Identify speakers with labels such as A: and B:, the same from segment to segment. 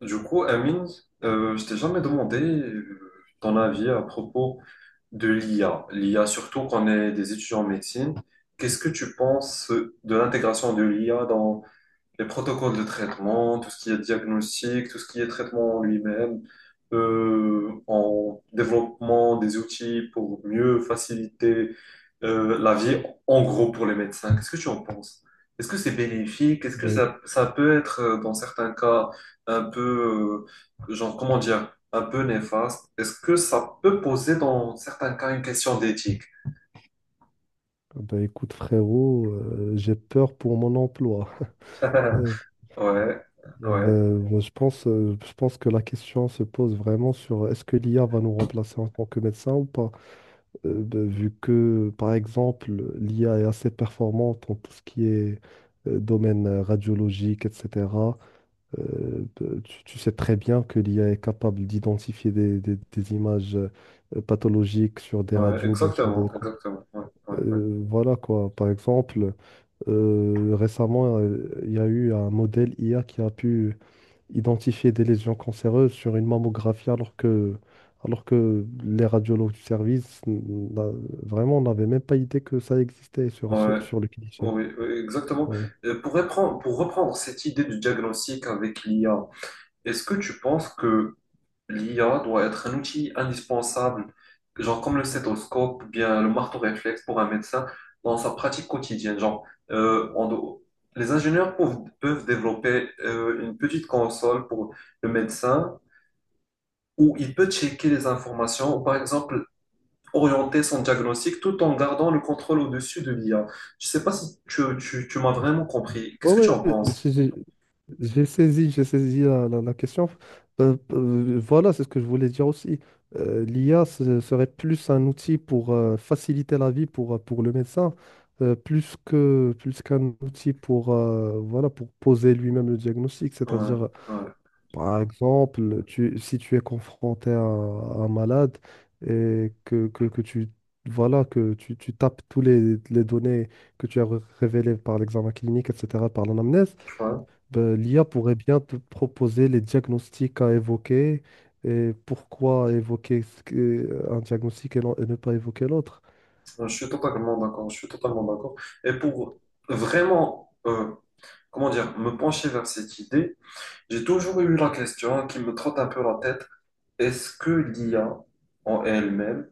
A: Du coup, Amine, je t'ai jamais demandé ton avis à propos de l'IA. L'IA, surtout qu'on est des étudiants en médecine. Qu'est-ce que tu penses de l'intégration de l'IA les protocoles de traitement, tout ce qui est diagnostic, tout ce qui est traitement en lui-même, en développement des outils pour mieux faciliter la vie, en gros pour les médecins. Qu'est-ce que tu en penses? Est-ce que c'est bénéfique? Est-ce que
B: Bah,
A: ça,
B: éc-
A: ça peut être, dans certains cas, un peu, genre, comment dire, un peu néfaste? Est-ce que ça peut poser, dans certains cas, une question d'éthique?
B: bah, écoute frérot, j'ai peur pour mon emploi. Euh,
A: Ouais, ouais,
B: moi, je pense que la question se pose vraiment sur est-ce que l'IA va nous remplacer en tant que médecin ou pas? Vu que, par exemple, l'IA est assez performante en tout ce qui est domaine radiologique, etc. Tu sais très bien que l'IA est capable d'identifier des images pathologiques sur des
A: ouais,
B: radios, bien sûr des
A: exactement,
B: échos.
A: exactement, ouais, ouais. Ouais.
B: Voilà quoi, par exemple. Récemment, il y a eu un modèle IA qui a pu identifier des lésions cancéreuses sur une mammographie alors que les radiologues du service vraiment n'avaient même pas idée que ça existait sur, sur,
A: Ouais,
B: sur le cliché.
A: oui, oui, exactement.
B: Ouais.
A: Pour reprendre cette idée du diagnostic avec l'IA, est-ce que tu penses que l'IA doit être un outil indispensable, genre comme le stéthoscope ou bien le marteau réflexe pour un médecin dans sa pratique quotidienne? Genre, on doit- les ingénieurs peuvent développer une petite console pour le médecin où il peut checker les informations. Par exemple, orienter son diagnostic tout en gardant le contrôle au-dessus de l'IA. Je sais pas si tu m'as vraiment compris.
B: Ouais,
A: Qu'est-ce que tu
B: ouais,
A: en penses?
B: j'ai j'ai- j'ai saisi la question. Voilà, c'est ce que je voulais dire aussi. l'IA serait plus un outil pour faciliter la vie pour le médecin, plus qu'un outil pour, pour poser lui-même le diagnostic,
A: Ouais,
B: c'est-à-dire
A: ouais,
B: par exemple, si tu es confronté à un malade et que tu voilà que tu tapes tous les données que tu as révélées par l'examen clinique, etc., par l'anamnèse,
A: tu vois.
B: ben, l'IA pourrait bien te proposer les diagnostics à évoquer et pourquoi évoquer un diagnostic et, et ne pas évoquer l'autre.
A: Ouais, je suis totalement d'accord. Je suis totalement d'accord. Et pour vraiment, comment dire, me pencher vers cette idée, j'ai toujours eu la question qui me trotte un peu la tête. Est-ce que l'IA en elle-même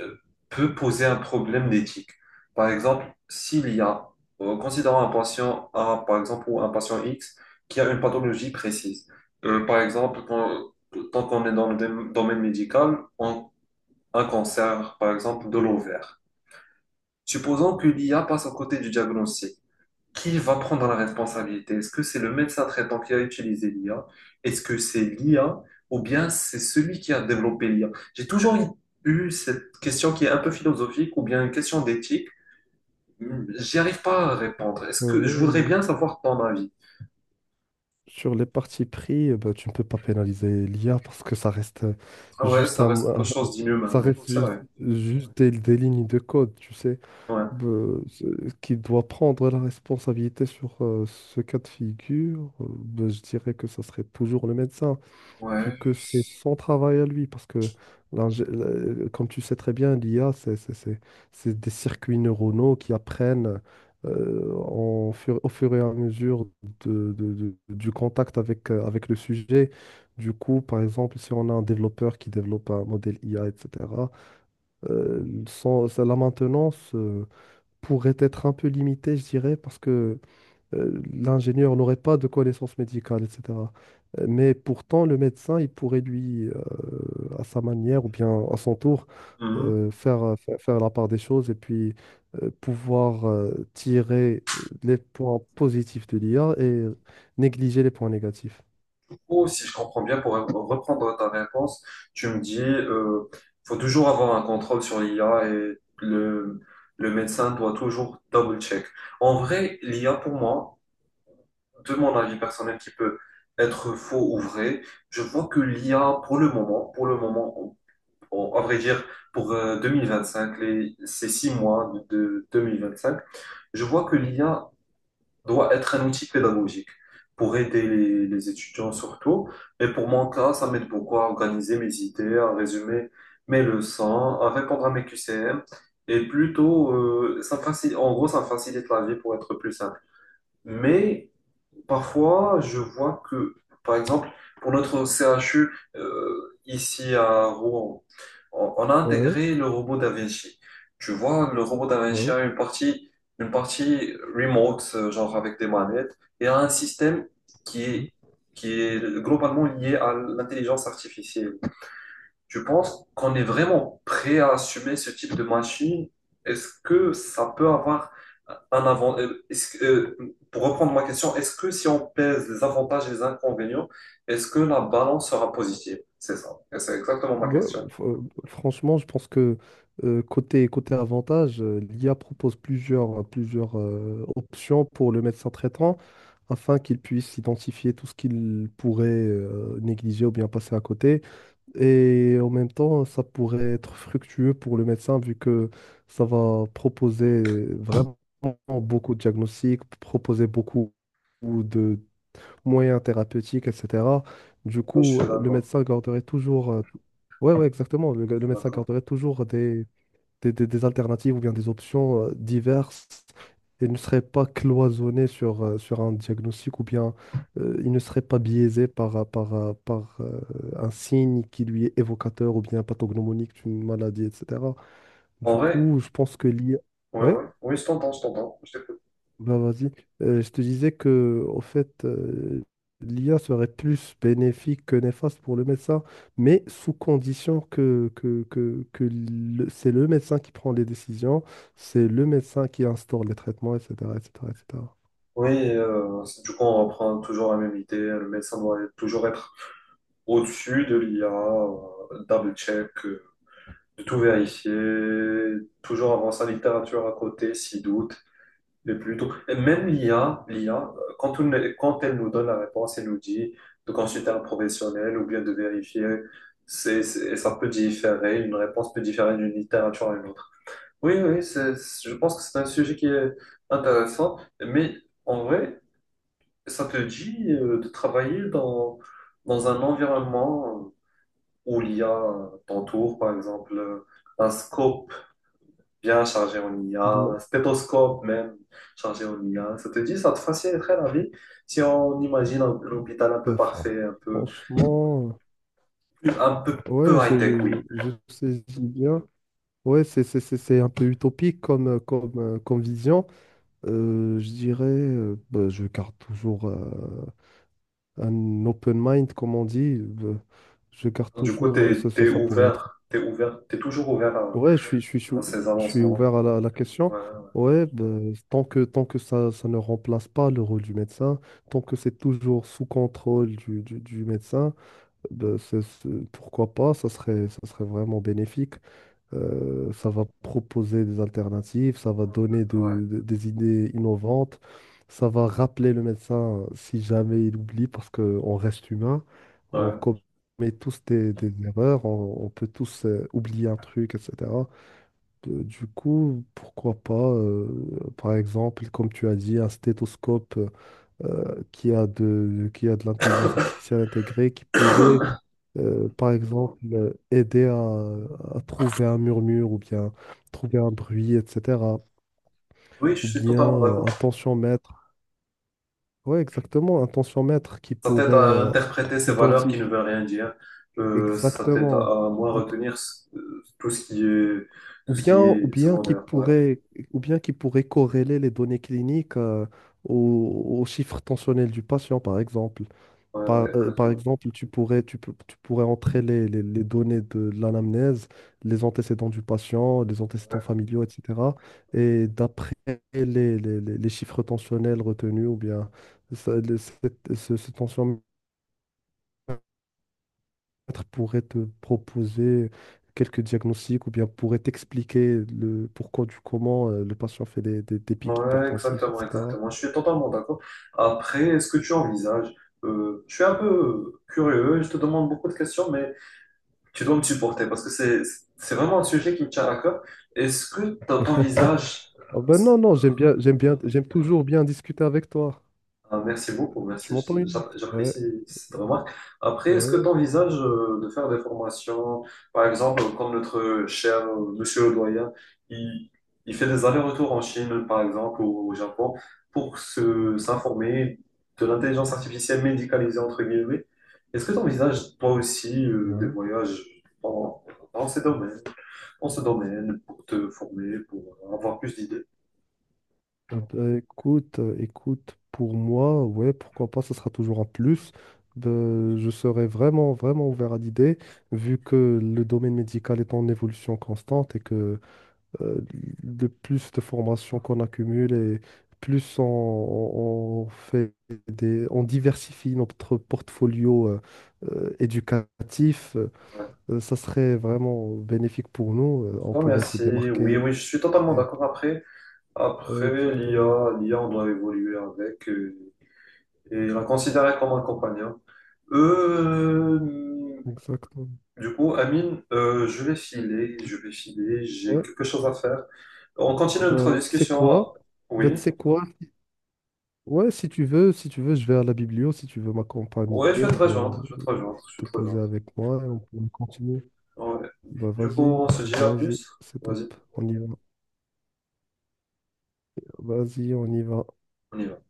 A: euh, peut poser un problème d'éthique. Par exemple, s'il y a, considérons un patient A, par exemple, ou un patient X, qui a une pathologie précise. Par exemple, tant qu'on est dans le domaine médical, un cancer, par exemple, de l'ovaire. Supposons que l'IA passe à côté du diagnostic. Qui va prendre la responsabilité? Est-ce que c'est le médecin traitant qui a utilisé l'IA? Est-ce que c'est l'IA ou bien c'est celui qui a développé l'IA? J'ai toujours eu cette question qui est un peu philosophique ou bien une question d'éthique. J'y arrive pas à répondre. Est-ce que je voudrais
B: Euh,
A: bien savoir ton avis?
B: Sur les parties pris, ben, tu ne peux pas pénaliser l'IA parce que ça reste
A: Ah ouais,
B: juste
A: ça
B: un.
A: reste quelque chose d'inhumain.
B: Ça
A: Ouais.
B: reste
A: C'est
B: juste,
A: vrai.
B: des lignes de code, tu sais,
A: Ouais.
B: euh, ce- qui doit prendre la responsabilité sur ce cas de figure. Ben, je dirais que ça serait toujours le médecin, vu
A: Ouais.
B: que c'est son travail à lui, parce que, comme tu sais très bien, l'IA, c'est des circuits neuronaux qui apprennent au fur et à mesure du contact avec, avec le sujet. Du coup, par exemple, si on a un développeur qui développe un modèle IA, etc. La maintenance pourrait être un peu limitée, je dirais, parce que l'ingénieur n'aurait pas de connaissances médicales, etc. Mais pourtant, le médecin, il pourrait lui, à sa manière ou bien à son tour, faire la part des choses et puis pouvoir tirer les points positifs de l'IA et négliger les points négatifs.
A: Coup, si je comprends bien, pour reprendre ta réponse, tu me dis, faut toujours avoir un contrôle sur l'IA et le médecin doit toujours double-check. En vrai, l'IA pour moi, de mon avis personnel qui peut être faux ou vrai, je vois que l'IA pour le moment, à vrai dire, pour 2025, les, ces six mois de 2025, je vois que l'IA doit être un outil pédagogique pour aider les étudiants surtout. Et pour mon cas, ça m'aide beaucoup à organiser mes idées, à résumer mes leçons, à répondre à mes QCM. Et plutôt, ça facilite, en gros, ça facilite la vie pour être plus simple. Mais parfois, je vois que, par exemple, pour notre CHU, ici à Rouen, on a
B: Ouais,
A: intégré le robot Da. Tu vois, le robot Da
B: ouais,
A: a une partie remote, genre avec des manettes, et a un système qui
B: ouais.
A: est, qui est globalement lié à l'intelligence artificielle. Tu penses qu'on est vraiment prêt à assumer ce type de machine? Est-ce que ça peut avoir un avantage? Pour reprendre ma question, est-ce que si on pèse les avantages et les inconvénients, est-ce que la balance sera positive? C'est ça. Et c'est exactement ma
B: Ouais,
A: question.
B: franchement, je pense que côté avantage, l'IA propose plusieurs options pour le médecin traitant afin qu'il puisse identifier tout ce qu'il pourrait négliger ou bien passer à côté. Et en même temps, ça pourrait être fructueux pour le médecin vu que ça va proposer vraiment beaucoup de diagnostics, proposer beaucoup de moyens thérapeutiques, etc. Du
A: Oui, je suis
B: coup, le
A: d'accord.
B: médecin garderait toujours... ouais, ouais, exactement. Le médecin
A: D'accord.
B: garderait toujours des alternatives ou bien des options diverses et ne serait pas cloisonné sur, sur un diagnostic ou bien il ne serait pas biaisé par un signe qui lui est évocateur ou bien pathognomonique d'une maladie, etc. Du
A: En vrai,
B: coup, je pense que l'IA...
A: ouais,
B: Ouais?
A: ouais. Oui, je t'entends, je t'entends. Je t'écoute.
B: Ben vas-y. Je te disais que, au fait, l'IA serait plus bénéfique que néfaste pour le médecin, mais sous condition que c'est le médecin qui prend les décisions, c'est le médecin qui instaure les traitements, etc., etc., etc.
A: Oui, du coup, on reprend toujours la même idée. Le médecin toujours être au-dessus de l'IA, double-check, de tout vérifier, toujours avoir sa littérature à côté, s'il doute. Mais plutôt, et même l'IA, l'IA, quand, quand elle nous donne la réponse, elle nous dit de consulter un professionnel ou bien de vérifier. Ça peut différer, une réponse peut différer d'une littérature à une. Oui, oui, je pense que c'est un sujet qui est intéressant, mais en vrai, ça te dit de travailler dans un environnement où l'I a t'entoure, par exemple, un scope bien chargé en IA,
B: Ben,
A: un stéthoscope même chargé en IA. Ça te dit, ça te faciliterait la vie si on imagine un hôpital un peu
B: Bah, fran-
A: parfait,
B: franchement,
A: un peu, peu
B: ouais,
A: high-tech, oui.
B: je saisis bien. Ouais, c'est un peu utopique comme, comme vision. Je dirais, je garde toujours un open mind, comme on dit. Euh, je garde
A: Du coup,
B: toujours,
A: t'es, t'es
B: ça pourrait être.
A: ouvert, t'es ouvert, t'es toujours ouvert à,
B: Ouais,
A: à ces
B: je suis ouvert
A: avancements.
B: à à la question.
A: Ouais,
B: Ouais, bah, tant que ça ne remplace pas le rôle du médecin, tant que c'est toujours sous contrôle du médecin. Pourquoi pas, ça serait vraiment bénéfique. Ça va proposer des alternatives, ça va donner
A: ouais. Ouais.
B: des idées innovantes, ça va rappeler le médecin si jamais il oublie, parce qu'on reste humain, on
A: Ouais.
B: commet tous des erreurs, on peut tous oublier un truc, etc. Du coup, pourquoi pas, par exemple, comme tu as dit, un stéthoscope qui a de l'intelligence artificielle intégrée qui pourrait aider à trouver un murmure ou bien trouver un bruit, etc.
A: Oui, je
B: Ou
A: suis
B: bien
A: totalement d'accord.
B: un tensiomètre. Oui, exactement, un tensiomètre qui
A: Ça t'aide
B: pourrait
A: à interpréter ces valeurs qui ne
B: identifier
A: veulent rien dire. Ça t'aide à,
B: exactement.
A: à moins
B: Un t-
A: retenir tout ce qui est, tout
B: Ou
A: ce
B: bien,
A: qui est secondaire. Ouais,
B: ou bien qui pourrait corréler les données cliniques au chiffre tensionnel du patient, par exemple.
A: ouais,
B: Par,
A: ouais,
B: euh, par
A: exactement.
B: exemple, tu pourrais entrer les données de l'anamnèse, les antécédents du patient, les antécédents familiaux, etc. Et d'après les, les chiffres tensionnels retenus, ou bien ce tensiomètre pourrait te proposer quelques diagnostics, ou bien pourrait t'expliquer le pourquoi du comment le patient fait des pics
A: Ouais,
B: hypertensifs,
A: exactement,
B: etc.
A: exactement. Je suis totalement d'accord. Après, est-ce que tu envisages, je suis un peu curieux, je te demande beaucoup de questions, mais tu dois me supporter parce que c'est vraiment un sujet qui me tient à cœur. Est-ce que t'envisages
B: Ah
A: euh,
B: ben non, non, j'aime bien, j'aime bien, j'aime toujours bien discuter avec toi.
A: Ah, merci beaucoup,
B: Tu
A: merci.
B: m'entends, Younes? Ouais.
A: J'apprécie cette remarque. Après, est-ce que tu
B: Ouais.
A: envisages de faire des formations, par exemple, comme notre cher monsieur le doyen, il, il fait des allers-retours en Chine, par exemple, ou au Japon, pour se s'informer de l'intelligence artificielle médicalisée, entre guillemets. Est-ce que tu envisages toi aussi des
B: Ouais.
A: voyages dans, dans ces domaines, dans ce domaine, pour te former, pour avoir plus d'idées?
B: Ah bah, écoute, pour moi, ouais, pourquoi pas, ça sera toujours un plus. Ben, je serais vraiment, vraiment ouvert à l'idée, vu que le domaine médical est en évolution constante et que euh, le plus de formations qu'on accumule et plus on fait on diversifie notre portfolio éducatif,
A: Ouais.
B: ça serait vraiment bénéfique pour nous.
A: Je
B: On
A: te
B: pourrait se
A: remercie. Oui,
B: démarquer.
A: oui, je suis totalement d'accord après.
B: Ouais,
A: Après,
B: exactement.
A: l'IA, l'IA, on doit évoluer avec et la considérer comme un compagnon. Euh,
B: Exactement.
A: du coup, Amine, je vais filer, j'ai
B: Ouais.
A: quelque chose à faire. On continue notre
B: Bah, tu sais quoi?
A: discussion.
B: Bah, tu
A: Oui,
B: sais quoi? Ouais, si tu veux, je vais à la biblio, si tu veux
A: ouais,
B: m'accompagner ou bien
A: je
B: te
A: vais te
B: poser
A: rejoindre.
B: avec moi et on peut continuer.
A: Ouais.
B: Bah,
A: Du coup,
B: vas-y,
A: on se dit à
B: vas-y,
A: plus.
B: c'est top.
A: Vas-y,
B: On y va. Vas-y, on y va.
A: on y va.